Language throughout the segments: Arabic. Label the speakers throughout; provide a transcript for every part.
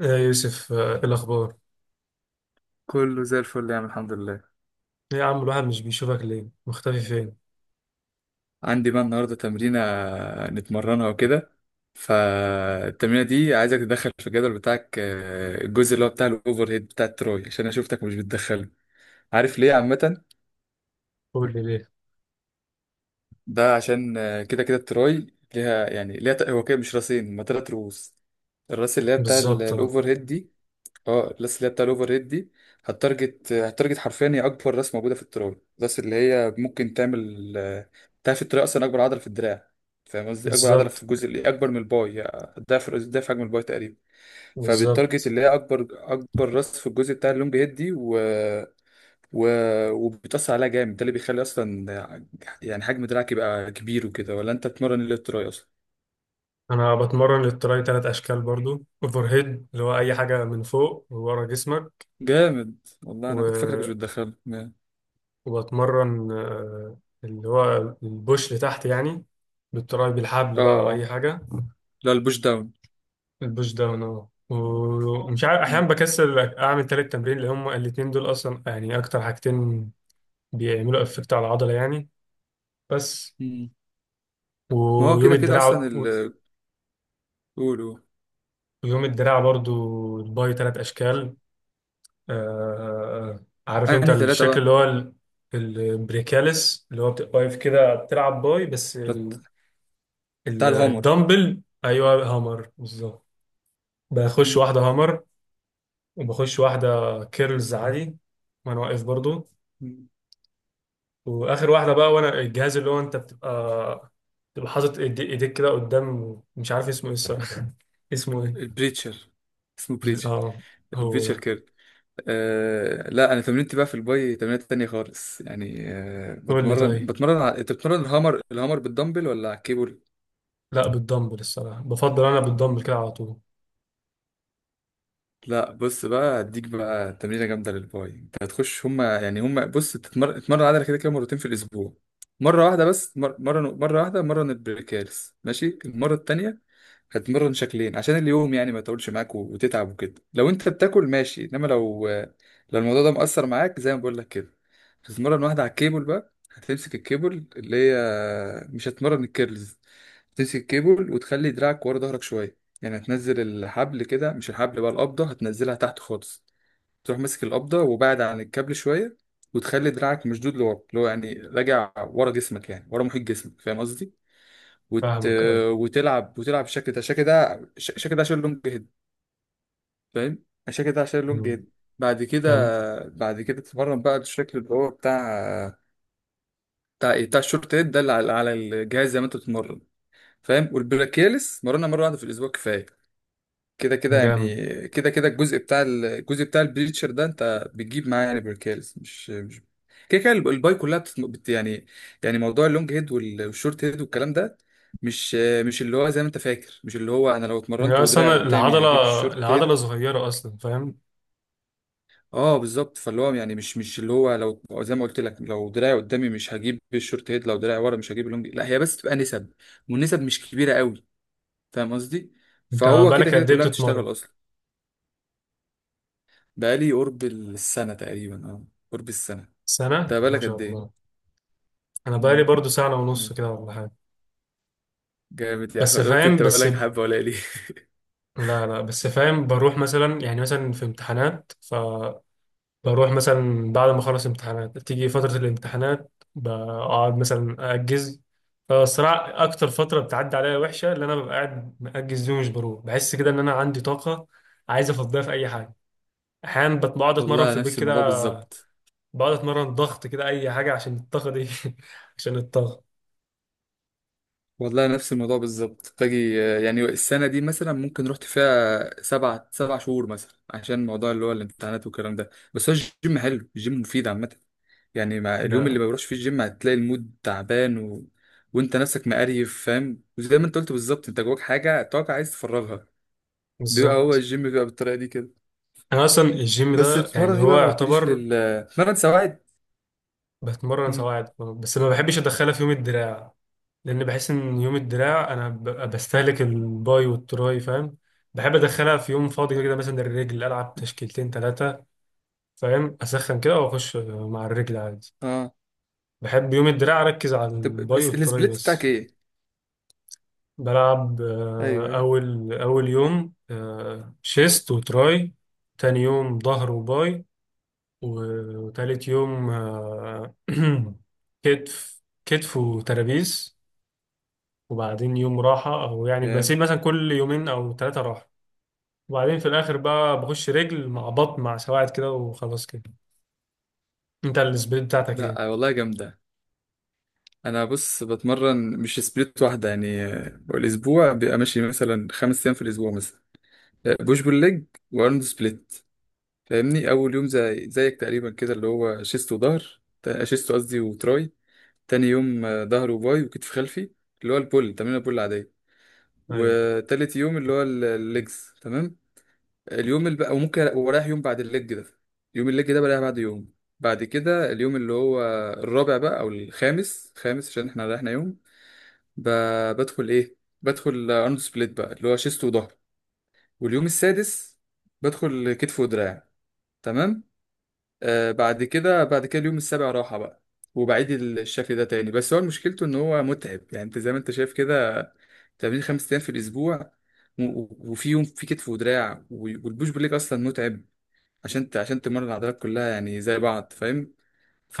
Speaker 1: يا يوسف، ايه الاخبار؟
Speaker 2: كله زي الفل يا عم، الحمد لله.
Speaker 1: إيه يا عم، الواحد مش بيشوفك ليه؟ مختفي فين؟
Speaker 2: عندي بقى النهارده تمرينة نتمرنها وكده. فالتمرينة دي عايزك تدخل في الجدول بتاعك، الجزء اللي هو بتاع الاوفر هيد بتاع التراي، عشان انا شفتك مش بتدخله. عارف ليه عامة؟
Speaker 1: قول لي ليه.
Speaker 2: ده عشان كده كده التراي ليها، هو كده مش راسين، هما 3 رؤوس. الراس اللي هي بتاع
Speaker 1: بالظبط، اه،
Speaker 2: الاوفر هيد دي. اه الراس اللي هي بتاع الاوفر ريت دي هتارجت حرفيا. هي اكبر راس موجوده في التراب، الراس اللي هي ممكن تعمل. تعرف التراب اصلا اكبر عضله في الدراع؟ فاهم قصدي، اكبر عضله
Speaker 1: بالظبط،
Speaker 2: في الجزء اللي اكبر من الباي، يعني ضعف حجم الباي تقريبا. فبالتارجت
Speaker 1: بالظبط.
Speaker 2: اللي هي اكبر راس في الجزء بتاع اللونج هيد دي، و... وبتأثر عليها جامد. ده اللي بيخلي اصلا يعني حجم دراعك يبقى كبير وكده. ولا انت بتمرن اللي تراي اصلا؟
Speaker 1: انا بتمرن للتراي ثلاث اشكال، برضو اوفر هيد اللي هو اي حاجه من فوق ورا جسمك.
Speaker 2: جامد. والله انا كنت فاكرك مش
Speaker 1: و...
Speaker 2: بتدخل، اه.
Speaker 1: وبتمرن اللي هو البوش لتحت، يعني بالتراي بالحبل بقى او
Speaker 2: آه.
Speaker 1: اي حاجه.
Speaker 2: لا، البوش داون.
Speaker 1: البوش داون، ومش عارف، احيانا بكسل اعمل تالت تمرين، لان هم الاتنين دول اصلا يعني اكتر حاجتين بيعملوا افكت على العضله، يعني. بس.
Speaker 2: مم. ما هو
Speaker 1: ويوم
Speaker 2: كده كده اصلا
Speaker 1: الدراع.
Speaker 2: قولوا.
Speaker 1: ويوم الدراع برضو الباي ثلاث اشكال. آه عارف انت
Speaker 2: انهي ثلاثة
Speaker 1: الشكل
Speaker 2: بقى؟
Speaker 1: اللي هو البريكاليس، اللي هو بتبقى واقف كده بتلعب باي، بس
Speaker 2: بت- بتاع الهامر.
Speaker 1: الدمبل، ايوه هامر بالظبط. بخش
Speaker 2: مم.
Speaker 1: واحده هامر، وبخش واحده كيرلز عادي وانا واقف برضو.
Speaker 2: مم.
Speaker 1: واخر واحده بقى، وانا الجهاز اللي هو انت بتبقى حاطط ايديك كده قدام، مش عارف اسمه ايه الصراحه اسمه ايه؟
Speaker 2: البريتشر. اسمه بريتشر،
Speaker 1: اه، هو
Speaker 2: البريتشر
Speaker 1: ده.
Speaker 2: كيرل. لا، انا تمرينتي بقى في الباي تمرينات تانية خالص، يعني
Speaker 1: قول لي
Speaker 2: بتمرن
Speaker 1: طيب.
Speaker 2: بتمرن انت بتمرن الهامر، بالدمبل ولا على الكيبل؟
Speaker 1: لا، بالدمبل الصراحة، بفضل أنا بالدمبل كده على طول.
Speaker 2: لا، بص بقى هديك بقى تمرينة جامدة للباي. انت هتخش، هما بص، تتمرن عضلة كده كده مرتين في الاسبوع. مرة واحدة، مرة البريكالس ماشي، المرة التانية هتمرن شكلين، عشان اليوم يعني ما يطولش معاك وتتعب وكده، لو انت بتاكل ماشي، انما لو الموضوع ده مأثر معاك زي ما بقول لك كده، هتتمرن واحدة على الكيبل بقى. هتمسك الكيبل اللي هي، مش هتمرن الكيرلز. هتمسك الكيبل وتخلي دراعك ورا ظهرك شوية، يعني هتنزل الحبل كده، مش الحبل بقى، القبضة هتنزلها تحت خالص. تروح ماسك القبضة وبعد عن الكابل شوية، وتخلي دراعك مشدود لورا، اللي هو يعني راجع ورا جسمك، يعني ورا محيط جسمك. فاهم قصدي؟ وت...
Speaker 1: فاهمك أي.
Speaker 2: وتلعب الشكل ده عشان اللونج هيد. فاهم الشكل ده عشان اللونج
Speaker 1: مم.
Speaker 2: هيد. بعد كده،
Speaker 1: جامد
Speaker 2: بعد كده تتمرن بقى الشكل اللي هو بتاع، بتاع ايه بتاع الشورت هيد ده، اللي على الجهاز زي ما انت بتتمرن. فاهم؟ والبلاكيلس مرنا مره واحده في الاسبوع كفايه. كده كده
Speaker 1: جامد.
Speaker 2: يعني، كده كده الجزء بتاع الجزء بتاع البليتشر ده انت بتجيب معاه يعني بركالز، مش كده كده الباي كلها يعني، يعني موضوع اللونج هيد والشورت هيد والكلام ده، مش مش اللي هو زي ما انت فاكر، مش اللي هو انا لو
Speaker 1: يعني
Speaker 2: اتمرنت
Speaker 1: أصلا
Speaker 2: ودراعي
Speaker 1: أنا
Speaker 2: قدامي هجيب الشورت
Speaker 1: العضلة
Speaker 2: هيد.
Speaker 1: صغيرة أصلا، فاهم.
Speaker 2: اه بالظبط. فاللي هو يعني مش اللي هو، لو زي ما قلت لك، لو دراعي قدامي مش هجيب الشورت هيد، لو دراعي ورا مش هجيب اللونج. لا، هي بس تبقى نسب، والنسب مش كبيرة قوي. فاهم قصدي؟
Speaker 1: أنت
Speaker 2: فهو كده
Speaker 1: بقالك
Speaker 2: كده
Speaker 1: قد إيه
Speaker 2: كلها
Speaker 1: بتتمرن؟
Speaker 2: بتشتغل اصلا. بقالي قرب السنة تقريبا، اه. قرب السنة. انت
Speaker 1: سنة؟ ما
Speaker 2: بقالك
Speaker 1: شاء
Speaker 2: قد
Speaker 1: الله.
Speaker 2: ايه؟
Speaker 1: أنا بقالي
Speaker 2: مم.
Speaker 1: برضو سنة ونص كده ولا حاجة.
Speaker 2: جامد يا
Speaker 1: بس
Speaker 2: احمد. أنا قلت
Speaker 1: فاهم،
Speaker 2: انت
Speaker 1: بس
Speaker 2: بقالك حبة ولا ليه؟
Speaker 1: لا لا، بس فاهم، بروح مثلا يعني مثلا في امتحانات. بروح مثلا بعد ما اخلص امتحانات، تيجي فترة الامتحانات بقعد مثلا اجز. فالصراحة اكتر فترة بتعدي عليا وحشة اللي انا ببقى قاعد مأجز دي ومش بروح، بحس كده ان انا عندي طاقة عايز افضيها في اي حاجة. احيانا بقعد اتمرن
Speaker 2: والله
Speaker 1: في البيت
Speaker 2: نفس
Speaker 1: كده،
Speaker 2: الموضوع بالظبط.
Speaker 1: بقعد اتمرن ضغط كده، اي حاجة عشان الطاقة دي. عشان الطاقة.
Speaker 2: والله نفس الموضوع بالظبط باجي، يعني السنة دي مثلا ممكن رحت فيها سبع شهور مثلا، عشان موضوع اللي هو الامتحانات والكلام ده. بس هو الجيم حلو، الجيم مفيد عامة. يعني مع اليوم
Speaker 1: لا.
Speaker 2: اللي ما بروحش فيه الجيم، هتلاقي المود تعبان وانت نفسك مقريف، فاهم؟ وزي ما انت قلت بالظبط، انت جواك حاجة، طاقة عايز تفرغها. بيبقى هو
Speaker 1: بالظبط.
Speaker 2: الجيم بيبقى بالطريقة دي كده.
Speaker 1: انا اصلا الجيم
Speaker 2: بس
Speaker 1: ده
Speaker 2: بتتمرن
Speaker 1: يعني
Speaker 2: ايه
Speaker 1: هو
Speaker 2: بقى؟ ما قلتليش،
Speaker 1: يعتبر.
Speaker 2: بتتمرن سواعد؟
Speaker 1: بتمرن
Speaker 2: امم
Speaker 1: سواعد، بس ما بحبش ادخلها في يوم الدراع، لان بحس ان يوم الدراع انا ببقى بستهلك الباي والتراي، فاهم. بحب ادخلها في يوم فاضي كده كده، مثلا الرجل العب تشكيلتين ثلاثه، فاهم، اسخن كده واخش مع الرجل عادي.
Speaker 2: اه،
Speaker 1: بحب يوم الدراع اركز على
Speaker 2: طب
Speaker 1: الباي
Speaker 2: بس
Speaker 1: والتراي
Speaker 2: السبليت بتاعك
Speaker 1: بس.
Speaker 2: ايه؟
Speaker 1: بلعب،
Speaker 2: ايوه، ايوه.
Speaker 1: اول اول يوم شيست وتراي. تاني يوم ظهر وباي. وتالت يوم كتف وترابيز. وبعدين يوم راحة، أو يعني بسيب
Speaker 2: جامد.
Speaker 1: مثلا كل يومين أو ثلاثة راحة. وبعدين في الآخر بقى بخش رجل مع بطن مع سواعد كده وخلاص كده. أنت السبيد بتاعتك
Speaker 2: لا
Speaker 1: إيه؟
Speaker 2: والله جامده. انا بص بتمرن مش سبليت واحده، يعني الاسبوع بيبقى ماشي مثلا 5 ايام في الاسبوع مثلا. بوش بول ليج وارنولد سبليت. فاهمني؟ اول يوم زي زيك تقريبا كده، اللي هو شيست وظهر، شيست قصدي وتراي. تاني يوم ظهر وباي وكتف خلفي، اللي هو البول، تمرين البول العاديه.
Speaker 1: أيوة.
Speaker 2: وتالت يوم اللي هو الليجز، تمام. اليوم اللي بقى، وممكن ورايح يوم بعد الليج ده، يوم الليج ده بريح بعد يوم. بعد كده اليوم اللي هو الرابع بقى او الخامس، خامس عشان احنا ريحنا يوم. ب... بدخل ايه؟ بدخل ارنولد سبليت بقى، اللي هو شيست وظهر. واليوم السادس بدخل كتف ودراع، تمام. بعد كده، بعد كده اليوم السابع راحة بقى، وبعيد الشكل ده تاني. بس هو مشكلته ان هو متعب، يعني انت زي ما انت شايف كده، تمرين 5 ايام في الاسبوع، وفي يوم في كتف ودراع والبوش بول ليج اصلا متعب، عشان عشان تمرن عضلات كلها يعني زي بعض، فاهم؟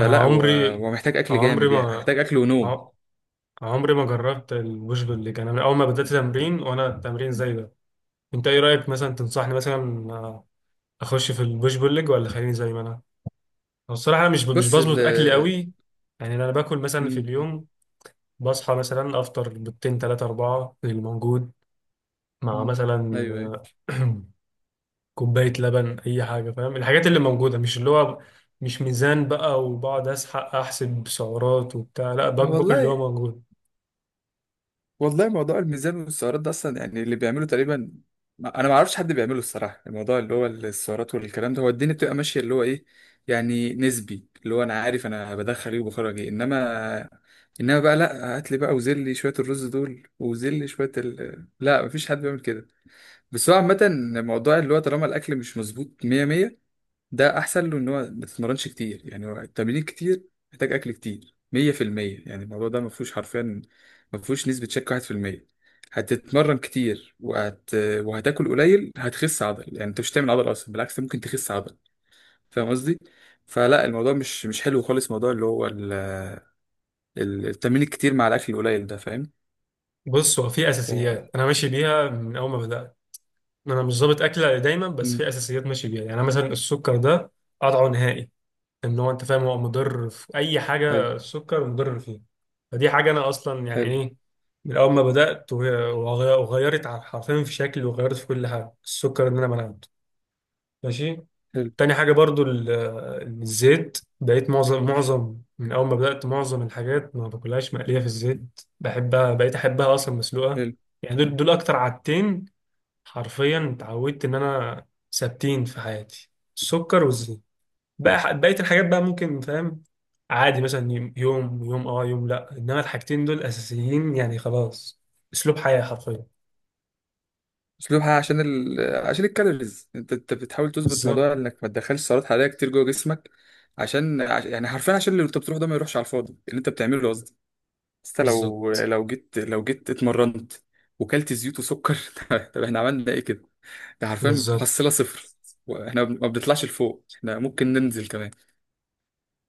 Speaker 1: أنا
Speaker 2: هو
Speaker 1: عمري
Speaker 2: هو محتاج اكل
Speaker 1: عمري
Speaker 2: جامد، يعني
Speaker 1: ما
Speaker 2: محتاج اكل ونوم.
Speaker 1: ع- عمري ما جربت البوش بول ليج، أنا من أول ما بدأت تمرين وأنا تمرين زي ده. أنت إيه رأيك مثلا تنصحني مثلا، أخش في البوش بول ليج ولا خليني زي ما أنا؟ هو الصراحة أنا مش
Speaker 2: بص
Speaker 1: بظبط أكلي قوي. يعني أنا باكل مثلا في
Speaker 2: مم.
Speaker 1: اليوم، بصحى مثلا أفطر بيضتين تلاتة أربعة الموجود، مع
Speaker 2: مم. ايوه، ايوه.
Speaker 1: مثلا كوباية لبن، أي حاجة، فاهم الحاجات اللي موجودة، مش اللي هو مش ميزان بقى وبقعد أسحق أحسب سعرات وبتاع، لا باكل اللي هو
Speaker 2: والله،
Speaker 1: موجود.
Speaker 2: والله موضوع الميزان والسعرات ده اصلا، يعني اللي بيعمله تقريبا، انا ما اعرفش حد بيعمله الصراحه. الموضوع اللي هو السعرات والكلام ده، هو الدنيا بتبقى ماشيه اللي هو ايه، يعني نسبي، اللي هو انا عارف انا بدخل ايه وبخرج ايه. انما بقى لا، هات لي بقى وزل لي شويه الرز دول وزل لي شويه لا، مفيش حد بيعمل كده. بس هو عامة الموضوع اللي هو، طالما الأكل مش مظبوط مية مية، ده أحسن له إن هو ما تتمرنش كتير. يعني هو التمرين كتير محتاج أكل كتير 100%، يعني الموضوع ده مفهوش حرفيا، مفهوش نسبة شك 1%. هتتمرن كتير وهتاكل قليل، هتخس عضل. يعني أنت مش هتعمل عضل أصلا، بالعكس ممكن تخس عضل. فاهم قصدي؟ فلا، الموضوع مش حلو خالص، موضوع اللي هو التمرين الكتير مع الأكل القليل ده، فاهم؟
Speaker 1: بص، هو في
Speaker 2: ف...
Speaker 1: أساسيات أنا ماشي بيها من أول ما بدأت. أنا مش ظابط أكلة دايما، بس
Speaker 2: مم.
Speaker 1: في أساسيات ماشي بيها، يعني مثلا السكر ده قطعه نهائي. إن هو أنت فاهم، هو مضر في أي
Speaker 2: حلو.
Speaker 1: حاجة السكر مضر فيها. فدي حاجة أنا أصلا يعني
Speaker 2: حلو.
Speaker 1: إيه، من أول ما بدأت وغيرت حرفيا في شكلي، وغيرت في كل حاجة، السكر إن أنا منعته. ماشي.
Speaker 2: حلو.
Speaker 1: تاني حاجة برضو الزيت، بقيت معظم من أول ما بدأت، معظم الحاجات ما باكلهاش مقلية في الزيت، بحبها بقيت أحبها أصلا مسلوقة.
Speaker 2: حلو.
Speaker 1: يعني دول أكتر عادتين، حرفيا اتعودت إن أنا ثابتين في حياتي، السكر والزيت. بقى بقية الحاجات بقى ممكن، فاهم، عادي مثلا يوم يوم يوم اه، يوم لا، انما الحاجتين دول اساسيين يعني خلاص، اسلوب حياة حرفيا.
Speaker 2: اسلوبها عشان عشان الكالوريز، انت بتحاول تظبط
Speaker 1: بالظبط،
Speaker 2: موضوع انك ما تدخلش سعرات حراريه كتير جوه جسمك، عشان يعني حرفيا، عشان اللي انت بتروح ده ما يروحش على الفاضي، اللي انت بتعمله ده قصدي. بس انت
Speaker 1: بالظبط،
Speaker 2: لو جيت اتمرنت وكلت زيوت وسكر، طب احنا عملنا ايه كده؟ ده حرفيا
Speaker 1: بالظبط.
Speaker 2: محصله صفر. واحنا ما بنطلعش لفوق، احنا ممكن ننزل كمان.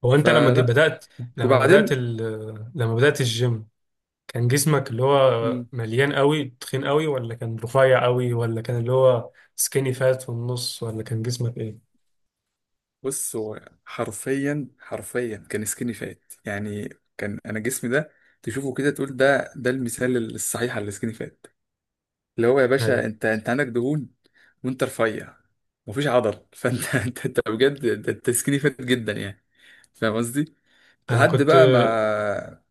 Speaker 1: هو انت لما
Speaker 2: فلا،
Speaker 1: بدأت، لما بدأت
Speaker 2: وبعدين.
Speaker 1: ال... لما بدأت الجيم، كان جسمك اللي هو مليان قوي تخين قوي، ولا كان رفيع قوي، ولا كان اللي هو سكيني فات في النص، ولا كان جسمك ايه؟
Speaker 2: بص، هو حرفيا، حرفيا كان سكيني فات يعني. كان انا جسمي ده، تشوفه كده تقول ده، المثال الصحيح على السكيني فات، اللي هو يا باشا
Speaker 1: ايوه.
Speaker 2: انت، عندك دهون وانت رفيع، مفيش عضل، فانت انت، بجد انت، سكيني فات جدا يعني. فاهم قصدي؟
Speaker 1: انا
Speaker 2: لحد
Speaker 1: كنت.
Speaker 2: بقى ما.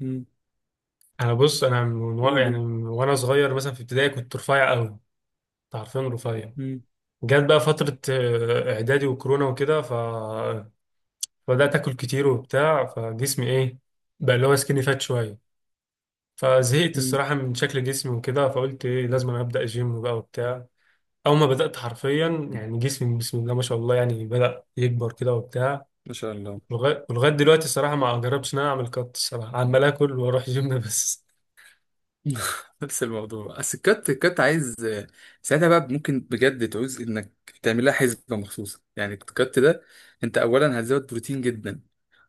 Speaker 2: مم.
Speaker 1: انا بص، انا من يعني
Speaker 2: قولوا.
Speaker 1: من وانا صغير مثلا في ابتدائي كنت رفيع قوي، كنت عارفين، رفيع.
Speaker 2: مم.
Speaker 1: جت بقى فترة اعدادي وكورونا وكده، فبدأت اكل كتير وبتاع، فجسمي ايه، بقى اللي هو سكيني فات شوية. فزهقت
Speaker 2: مم.
Speaker 1: الصراحة من شكل جسمي وكده، فقلت ايه، لازم أنا أبدأ جيم بقى وبتاع. أول ما بدأت حرفيا، يعني جسمي بسم الله ما شاء الله، يعني بدأ يكبر كده وبتاع.
Speaker 2: ما شاء الله.
Speaker 1: ولغاية دلوقتي الصراحة ما جربتش إن أنا أعمل كات، الصراحة عمال آكل وأروح جيم بس.
Speaker 2: نفس الموضوع. بس الكات، عايز. ساعتها بقى ممكن بجد تعوز انك تعمل لها حسبه مخصوصه، يعني الكات ده انت اولا هتزود بروتين جدا،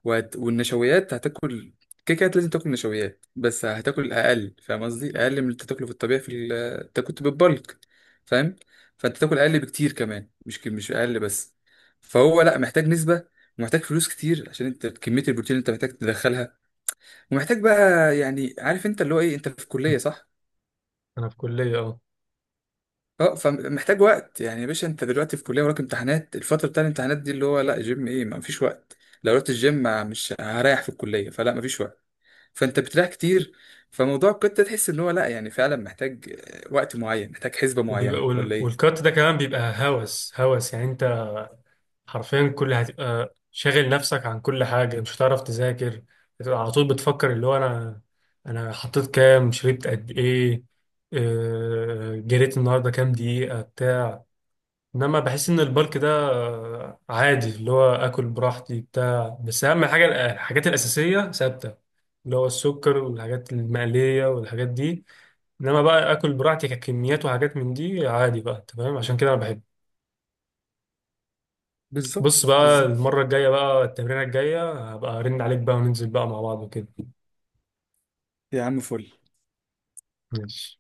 Speaker 2: والنشويات هتاكل كده كده. لازم تاكل نشويات بس هتاكل اقل. فاهم قصدي؟ اقل من اللي انت تاكله في الطبيعي، في انت كنت بالبلك، فاهم؟ فانت تاكل اقل بكتير كمان، مش مش اقل بس. فهو لا، محتاج نسبه، ومحتاج فلوس كتير، عشان انت كميه البروتين اللي انت محتاج تدخلها. ومحتاج بقى يعني، عارف انت اللي هو ايه؟ انت في كليه صح؟
Speaker 1: أنا في كلية، أه.
Speaker 2: اه، فمحتاج وقت. يعني يا باشا انت دلوقتي في كليه، وراك امتحانات، الفتره بتاع الامتحانات دي اللي هو لا، جيم ايه؟ ما فيش وقت. لو رحت الجيم، مش هريح في الكليه. فلا، ما فيش وقت. فانت بتريح كتير، فموضوع القطه تحس ان هو لا، يعني فعلا محتاج وقت معين، محتاج حسبه معينه، ولا ايه؟
Speaker 1: والكات ده كمان بيبقى هوس هوس، يعني حرفيا كل هتبقى شاغل نفسك عن كل حاجة، مش هتعرف تذاكر. هتبقى على طول بتفكر اللي هو أنا حطيت كام، شربت قد إيه، جريت النهاردة كام دقيقة بتاع. إنما بحس إن البلك ده عادي، اللي هو آكل براحتي بتاع، بس أهم حاجة الحاجات الأساسية ثابتة، اللي هو السكر والحاجات المقلية والحاجات دي. إنما بقى آكل براحتي ككميات وحاجات من دي عادي بقى، تمام، عشان كده أنا بحبه. بص
Speaker 2: بالظبط،
Speaker 1: بقى،
Speaker 2: بالظبط.
Speaker 1: المرة الجاية بقى التمرينة الجاية هبقى ارن عليك بقى وننزل بقى مع بعض وكده.
Speaker 2: يا عم فل.
Speaker 1: ماشي.